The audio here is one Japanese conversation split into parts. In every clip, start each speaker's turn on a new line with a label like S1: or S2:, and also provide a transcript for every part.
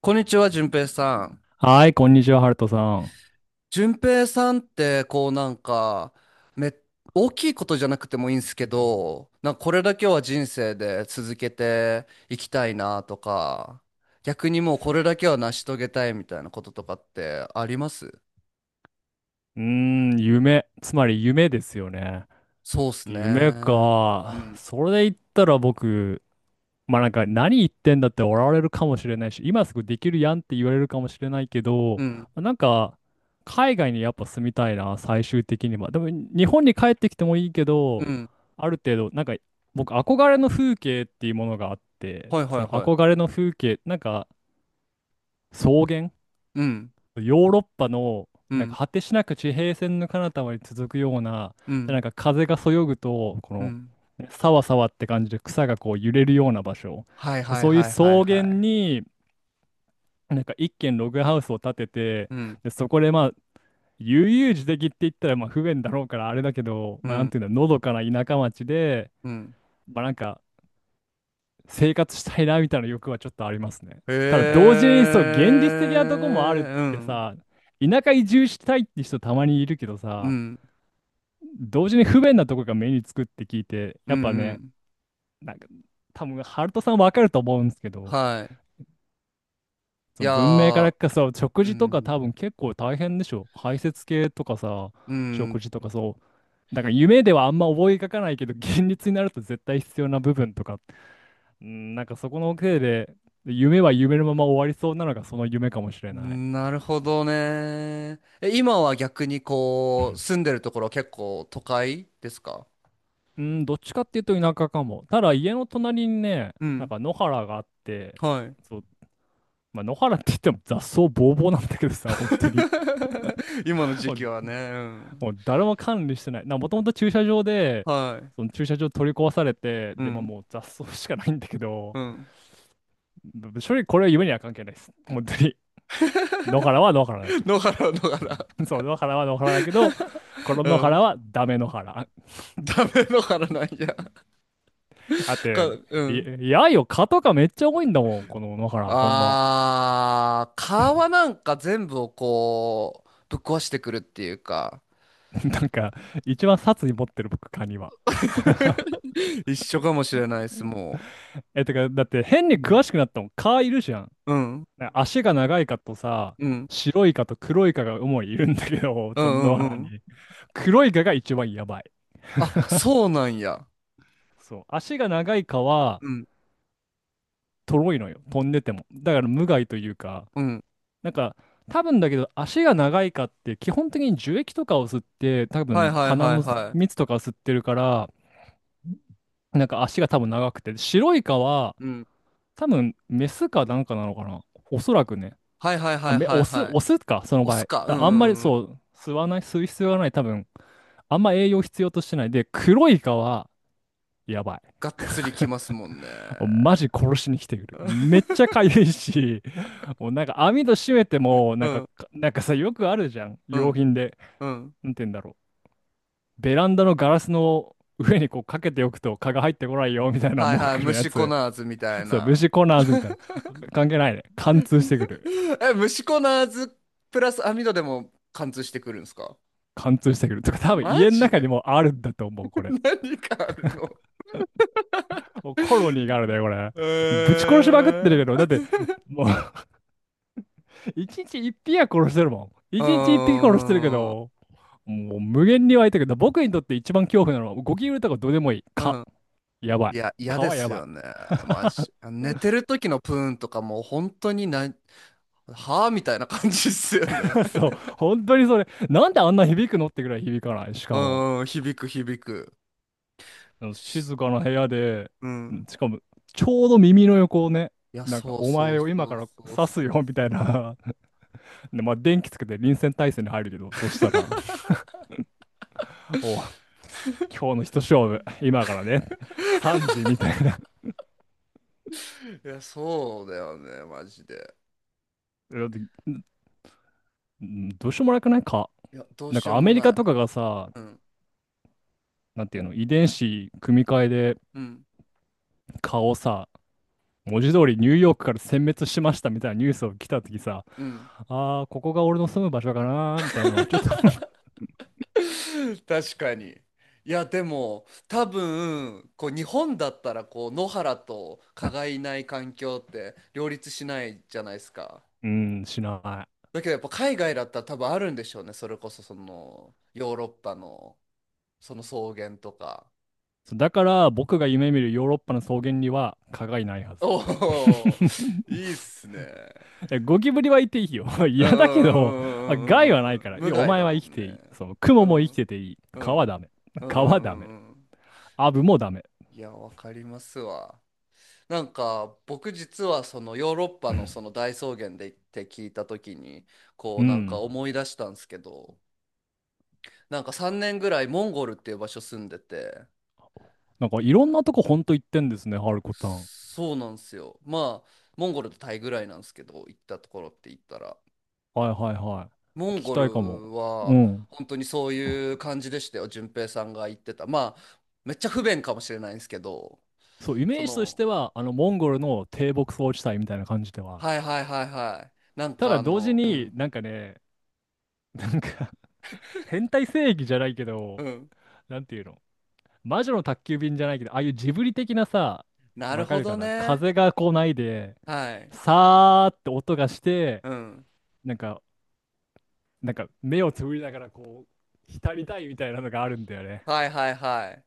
S1: こんにちは、淳平さん。
S2: はい、こんにちは、ハルトさん。
S1: 淳平さんって、こうなんか、め、大きいことじゃなくてもいいんですけど、なんかこれだけは人生で続けていきたいなとか、逆にもうこれだけは成し遂げたいみたいなこととかってあります？
S2: うーん、夢。つまり夢ですよね。
S1: そうっすね。
S2: 夢
S1: う
S2: か。
S1: ん、
S2: それで言ったら僕、まあなんか何言ってんだって笑われるかもしれないし、今すぐできるやんって言われるかもしれないけ
S1: う
S2: ど、ま
S1: ん、
S2: あなんか海外にやっぱ住みたいな、最終的には。でも日本に帰ってきてもいいけど、
S1: うん。
S2: ある程度、なんか僕憧れの風景っていうものがあって、
S1: はい
S2: そ
S1: はい
S2: の
S1: は
S2: 憧
S1: い。
S2: れの風景、なんか草原、
S1: うん、
S2: ヨーロッパの、
S1: う
S2: なんか
S1: ん、
S2: 果てしなく地平線の彼方まで続くような、
S1: う
S2: で、な
S1: ん、
S2: んか風がそよぐと、こ
S1: う
S2: の、
S1: ん。
S2: ねさわさわって感じで草がこう揺れるような場所。
S1: はいはい
S2: そういう
S1: はい
S2: 草
S1: はいは
S2: 原
S1: い。
S2: に、なんか一軒ログハウスを建てて、
S1: うん、
S2: で、そこでまあ、悠々自適って言ったらまあ不便だろうからあれだけど、
S1: う
S2: まあなん
S1: ん、
S2: ていうんだ、のどかな田舎町で、
S1: うん。
S2: まあなんか、生活したいなみたいな欲はちょっとありますね。
S1: へ
S2: ただ同時にそう現実的なとこもあるっ
S1: え、う
S2: て
S1: ん。
S2: さ、田舎移住したいって人たまにいるけど
S1: う
S2: さ、
S1: ん、
S2: 同時に不便なとこが目につくって聞いて、
S1: うん、
S2: やっぱ
S1: う
S2: ね、
S1: ん。
S2: なんか多分ハルトさんわかると思うんですけど、
S1: はい。い
S2: その
S1: や
S2: 文明か
S1: ー、
S2: らかそう
S1: う
S2: 食事とか
S1: ん、
S2: 多分結構大変でしょ。排泄系とかさ、
S1: うん、
S2: 食事とかそう。だから夢ではあんま思い描かないけど、現実になると絶対必要な部分とかっうん、なんかそこのせいで、夢は夢のまま終わりそうなのがその夢かもしれない。
S1: なるほどね。え、今は逆にこう、住んでるところは結構都会ですか？
S2: うん、どっちかっていうと田舎かも。ただ家の隣にね、
S1: う
S2: なん
S1: ん、
S2: か野原があって、
S1: はい。
S2: そう、まあ、野原って言っても雑草ぼうぼうなんだけどさ、本当に。
S1: 今の時
S2: もう、
S1: 期はね、うん。
S2: もう誰も管理してない。もともと駐車場で、
S1: はい。
S2: その駐車場取り壊されて、
S1: う
S2: で、まあ、
S1: ん、
S2: もう雑草しかないんだけ
S1: う
S2: ど、
S1: ん。
S2: 正直これは夢には関係ないです。本当に。野原は野原だけ ど。
S1: 野原、野原。
S2: そう、野原は野原だけど、この
S1: う
S2: 野原
S1: ん。
S2: はダメ野原。
S1: ダメ野原なんや。
S2: だって、
S1: う
S2: い、
S1: ん。
S2: いやよ、蚊とかめっちゃ多いんだもん、この野原、ほんま。
S1: あー、川なんか全部をこう、ぶっ壊してくるっていうか。
S2: なんか、一番殺意持ってる僕、蚊には。
S1: 一緒かもしれないです、も
S2: え、てか、だって変
S1: う。
S2: に
S1: うん。
S2: 詳しくなったもん、蚊いるじゃん。
S1: うん。
S2: 足が長い蚊とさ、
S1: うん。
S2: 白い蚊と黒い蚊が主にいるんだけど、
S1: う
S2: その野
S1: んうんう
S2: 原
S1: ん。
S2: に。黒い蚊が一番やばい。
S1: あ、そうなんや。
S2: そう。足が長い蚊は、
S1: うん。
S2: とろいのよ、飛んでても。だから無害というか、
S1: うん。
S2: なんか、多分だけど足が長い蚊って基本的に樹液とかを吸って多
S1: はい
S2: 分
S1: はい
S2: 鼻
S1: はい
S2: の
S1: は
S2: 蜜とかを吸ってるから、なんか足が多分長くて、白イカは
S1: い。うん。
S2: 多分メスかなんかなのかな。おそらくね。
S1: はいはいはいは
S2: オ
S1: い
S2: ス、
S1: はい。
S2: オスか、その
S1: 押
S2: 場
S1: す
S2: 合。
S1: か。うん
S2: だ
S1: う
S2: あんまり
S1: んうん。
S2: そう、吸わない、吸う必要がない、多分。あんま栄養必要としてない。で、黒イカは、やばい。
S1: がっつりきますもんね。
S2: マジ殺しに来てくる。めっちゃ 痒いし、もうなんか網戸閉めても、
S1: う
S2: なんか、
S1: ん。
S2: なんかさ、よくあるじゃん。
S1: う
S2: 用
S1: ん。
S2: 品で。
S1: うん。
S2: なんて言うんだろう。ベランダのガラスの上にこうかけておくと蚊が入ってこないよ、みたいな
S1: はい
S2: 文
S1: はい。
S2: 句のや
S1: 虫コ
S2: つ。
S1: ナーズみたい
S2: そう、
S1: な。
S2: 虫コナー ズみたいな。関係ないね。貫通してくる。
S1: え、虫コナーズプラス網戸でも貫通してくるんですか？
S2: 貫通してくる。とか、多分
S1: マ
S2: 家の
S1: ジ
S2: 中に
S1: で？
S2: もあるんだと思う、こ れ。
S1: 何かあるの？
S2: もうコロニーがあるね、これ。もうぶち
S1: え
S2: 殺しまくってるけ
S1: ー。
S2: ど、だって、もう 一日一匹は殺してるもん。
S1: う
S2: 一日一匹殺してるけ
S1: ーん。
S2: ど、もう無限に湧いてくる。僕にとって一番恐怖なのは、ゴキブリとかどうでもいい。
S1: う
S2: 蚊。
S1: ん。
S2: やばい。
S1: いや、嫌
S2: 蚊
S1: で
S2: はや
S1: す
S2: ばい。
S1: よね。マジ。寝てる時のプーンとかもう本当にな、はぁみたいな感じっすよね。
S2: そう、本当にそれ。なんであんな響くのってぐらい響かない。し かも。
S1: うん、響く響く。
S2: あの静かな部屋で、
S1: うん。
S2: しかも、ちょうど耳の横をね、
S1: いや、
S2: なんか、
S1: そう
S2: お
S1: そう
S2: 前を今
S1: そ
S2: か
S1: う
S2: ら
S1: そう
S2: 刺すよ、
S1: そう
S2: みたい
S1: そ
S2: な。で、まあ、電気つけて臨戦態勢に入るけど、そしたら、おう、今日の一勝負、今からね、3時、みたいな。
S1: う。いや、そうだよね、マジで。
S2: だってどうしようもなくないか。
S1: いや、どう
S2: なん
S1: しよ
S2: か、
S1: う
S2: ア
S1: も
S2: メリカ
S1: ない。
S2: とかがさ、
S1: うん、
S2: なんていうの、遺伝子組み換えで
S1: うん、
S2: 顔をさ、文字通りニューヨークから殲滅しましたみたいなニュースを来た時さ、
S1: うん。
S2: ああ、ここが俺の住む場所かなーみたいなのはちょっと
S1: 確かに。いやでも多分こう日本だったらこう野原と蚊がいない環境って両立しないじゃないですか。
S2: うん、しな
S1: だけどやっぱ海外だったら多分あるんでしょうね。それこそそのヨーロッパのその草原とか。
S2: い。だから僕が夢見るヨーロッパの草原には蚊がいないは
S1: お
S2: ず。
S1: お、いいっすね。
S2: いやゴキブリはいていいよ。
S1: うんう
S2: 嫌だけど、
S1: んうんう
S2: 害は
S1: んう
S2: な
S1: んうんう
S2: い
S1: ん。
S2: から。い
S1: 無
S2: やお
S1: 害
S2: 前
S1: だ
S2: は
S1: も
S2: 生き
S1: ん
S2: ていい。
S1: ね。
S2: その、ク
S1: う
S2: モも生き
S1: ん
S2: てていい。
S1: う
S2: 蚊は
S1: ん
S2: ダメ。
S1: うんう
S2: 蚊はダ
S1: ん
S2: メ。
S1: うんうん。
S2: アブもダメ。
S1: いやわかりますわ。なんか僕実はそのヨーロッパのその大草原で行って聞いた時にこ
S2: う
S1: うなんか
S2: ん。
S1: 思い出したんですけど、なんか3年ぐらいモンゴルっていう場所住んでて、
S2: なんかいろんなとこほんと行ってんですね、ハルコさん。
S1: そうなんですよ、まあモンゴルとタイぐらいなんですけど行ったところって言ったら、
S2: はいはいは
S1: モ
S2: い。
S1: ン
S2: 聞き
S1: ゴ
S2: た
S1: ル
S2: いかも。う
S1: は
S2: ん。
S1: 本当にそういう感じでしたよ。順平さんが言ってた、まあめっちゃ不便かもしれないんですけど、
S2: そう、イ
S1: そ
S2: メージとし
S1: の、
S2: ては、あの、モンゴルの低牧草地帯みたいな感じではある。
S1: はいはいはいはい。なん
S2: た
S1: か
S2: だ
S1: あ
S2: 同時
S1: の、う
S2: に
S1: ん
S2: なんかね、なんか変態正義じゃないけ
S1: う
S2: ど、
S1: ん、
S2: なんていうの、魔女の宅急便じゃないけど、ああいうジブリ的なさ、
S1: なる
S2: わか
S1: ほ
S2: る
S1: ど
S2: かな、
S1: ね。
S2: 風が来ないで、
S1: はい。
S2: さーって音がして、
S1: うん。
S2: なんか、なんか目をつぶりながらこう、浸りたいみたいなのがあるんだよね。
S1: はいはいはい。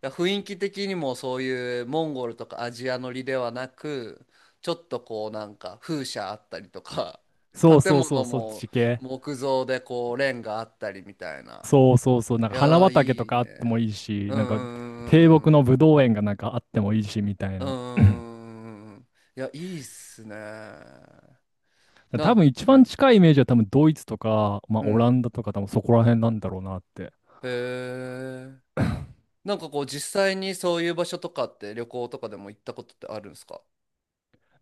S1: だから雰囲気的にもそういうモンゴルとかアジア乗りではなく、ちょっとこうなんか風車あったりとか、
S2: そう
S1: 建
S2: そうそ
S1: 物
S2: う、そっ
S1: も
S2: ち系。
S1: 木造でこうレンガあったりみたいな。
S2: そうそうそう、なん
S1: い
S2: か花
S1: やー
S2: 畑と
S1: いい
S2: かあっても
S1: ね。
S2: いいし、
S1: う
S2: なんか
S1: んうんう
S2: 低
S1: ん
S2: 木のぶどう園がなんかあってもいいしみたい
S1: うんうんう
S2: な。
S1: んうんうんうんうん。いや、いいっすね。
S2: 多分一
S1: う
S2: 番
S1: ん、
S2: 近いイメージは多分ドイツとか、まあ、
S1: う
S2: オラ
S1: ん。
S2: ンダとか多分そこら辺なんだろうなって。
S1: へえ。なんかこう実際にそういう場所とかって旅行とかでも行ったことってあるんですか？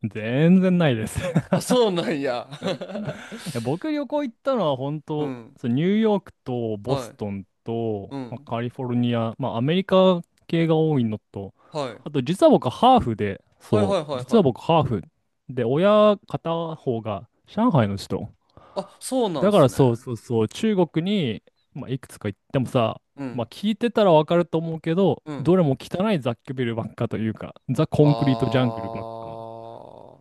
S2: 全然ないです。 い
S1: あ、そうなんや。
S2: や、僕旅行行ったのは本
S1: う
S2: 当、
S1: ん。
S2: そうニューヨークとボ
S1: は
S2: ス
S1: い。
S2: トンと、
S1: う
S2: まあ、
S1: ん。
S2: カリフォルニア、まあ、アメリカ系が多いのと、
S1: はい。
S2: あと実は僕ハーフで、
S1: はい
S2: そ
S1: はい
S2: う、
S1: はい
S2: 実は
S1: は
S2: 僕
S1: い。
S2: ハーフで、親片方が上海の人。
S1: あ、そうなん
S2: だか
S1: す
S2: ら
S1: ね。
S2: そうそうそう、中国に、まあ、いくつか行ってもさ、
S1: う
S2: まあ、
S1: ん。
S2: 聞いてたらわかると思うけど、
S1: うん。
S2: どれも汚い雑居ビルばっかというか、ザ・
S1: あ
S2: コンクリート・ジャングルばっか。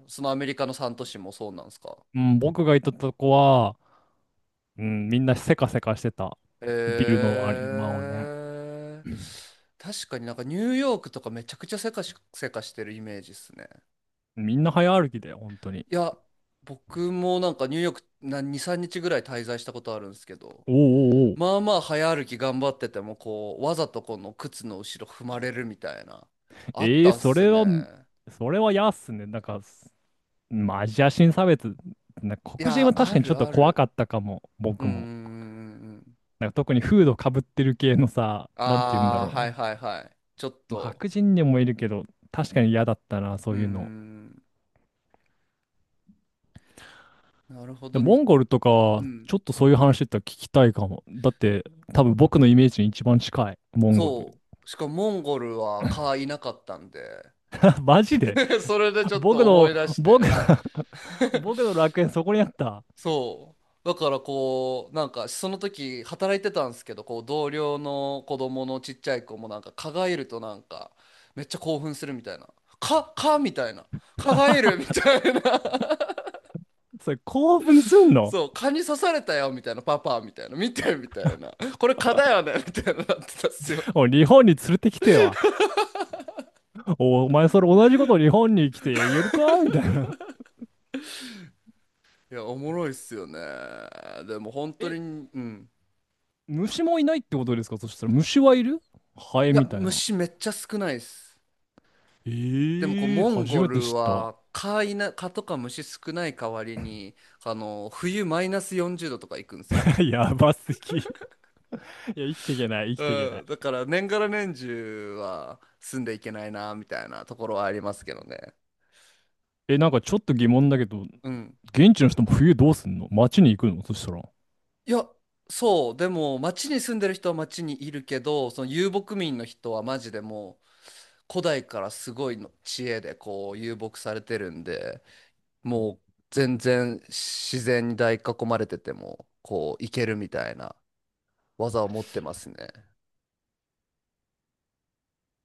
S1: ー、そのアメリカの3都市もそうなんすか。
S2: うん、僕が行ったとこは、うん、みんなせかせかしてた。
S1: へ
S2: ビルのあれ、まあね。
S1: え。確かになんかニューヨークとかめちゃくちゃせかしてるイメージっすね。
S2: みんな早歩きだよ、本当に。
S1: いや、僕もなんかニューヨークな2、3日ぐらい滞在したことあるんですけど、
S2: おうおうおう。
S1: まあまあ早歩き頑張っててもこうわざとこの靴の後ろ踏まれるみたいな、あ
S2: え
S1: っ
S2: ー、
S1: たっ
S2: そ
S1: す
S2: れは、
S1: ね。
S2: それはやっすね。なんか、まあ、アジア人差別。なんか
S1: い
S2: 黒人
S1: や、
S2: は確
S1: あ
S2: かにちょっ
S1: る
S2: と
S1: あ
S2: 怖か
S1: る。
S2: ったかも、
S1: うー
S2: 僕も。
S1: ん。
S2: なんか特にフードかぶってる系のさ、なんて言うんだ
S1: ああ
S2: ろ
S1: ー、はい
S2: う。
S1: はいはい、ちょっ
S2: まあ、
S1: と。
S2: 白人にもいるけど、確かに嫌だったな、そ
S1: うー
S2: ういうの。
S1: ん、なるほ
S2: で
S1: ど
S2: モ
S1: に。
S2: ンゴルとか
S1: う
S2: は、
S1: ん。
S2: ちょっとそういう話だったら聞きたいかも。だって、多分僕のイメージに一番近い、モンゴル。
S1: そう、しかもモンゴルは蚊いなかったんで、
S2: マジで
S1: それでちょっと
S2: 僕
S1: 思
S2: の、
S1: い出し
S2: 僕、
S1: て、
S2: 僕の楽園そこにあった。
S1: そう。だからこう、なんかその時働いてたんですけど、こう同僚の子供のちっちゃい子もなんか蚊がいるとなんかめっちゃ興奮するみたいな。蚊、蚊みたいな。蚊がいるみたいな。
S2: それ興奮すん の？
S1: そう、蚊に刺されたよみたいな。パパみたいな。見てみたいな。これ蚊だよねみたいななってたっすよ。
S2: おい、日本に連れてきては。お前それ同じこと日本に来てやるかみたいな。
S1: いや、おもろいっすよね。でも本当
S2: え、
S1: に、うん。
S2: 虫もいないってことですか？そしたら虫はいる？ハエ
S1: いや、
S2: みたいな。
S1: 虫めっちゃ少ないっす。
S2: え
S1: でもこう
S2: ー、
S1: モン
S2: 初
S1: ゴ
S2: めて
S1: ル
S2: 知った。
S1: は蚊いな、蚊とか虫少ない代わりにあの冬マイナス40度とか行くんですよ。
S2: やばすぎ。いや、生きていけない、生きていけな
S1: うん、だ
S2: い。
S1: から年がら年中は住んでいけないなみたいなところはありますけどね。
S2: え、なんかちょっと疑問だけど、
S1: うん。
S2: 現地の人も冬どうすんの？街に行くの？そしたら。
S1: いや、そう、でも町に住んでる人は町にいるけど、その遊牧民の人はマジでもう古代からすごいの知恵でこう遊牧されてるんで、もう全然自然に大囲まれててもこう行けるみたいな。技を持ってますね。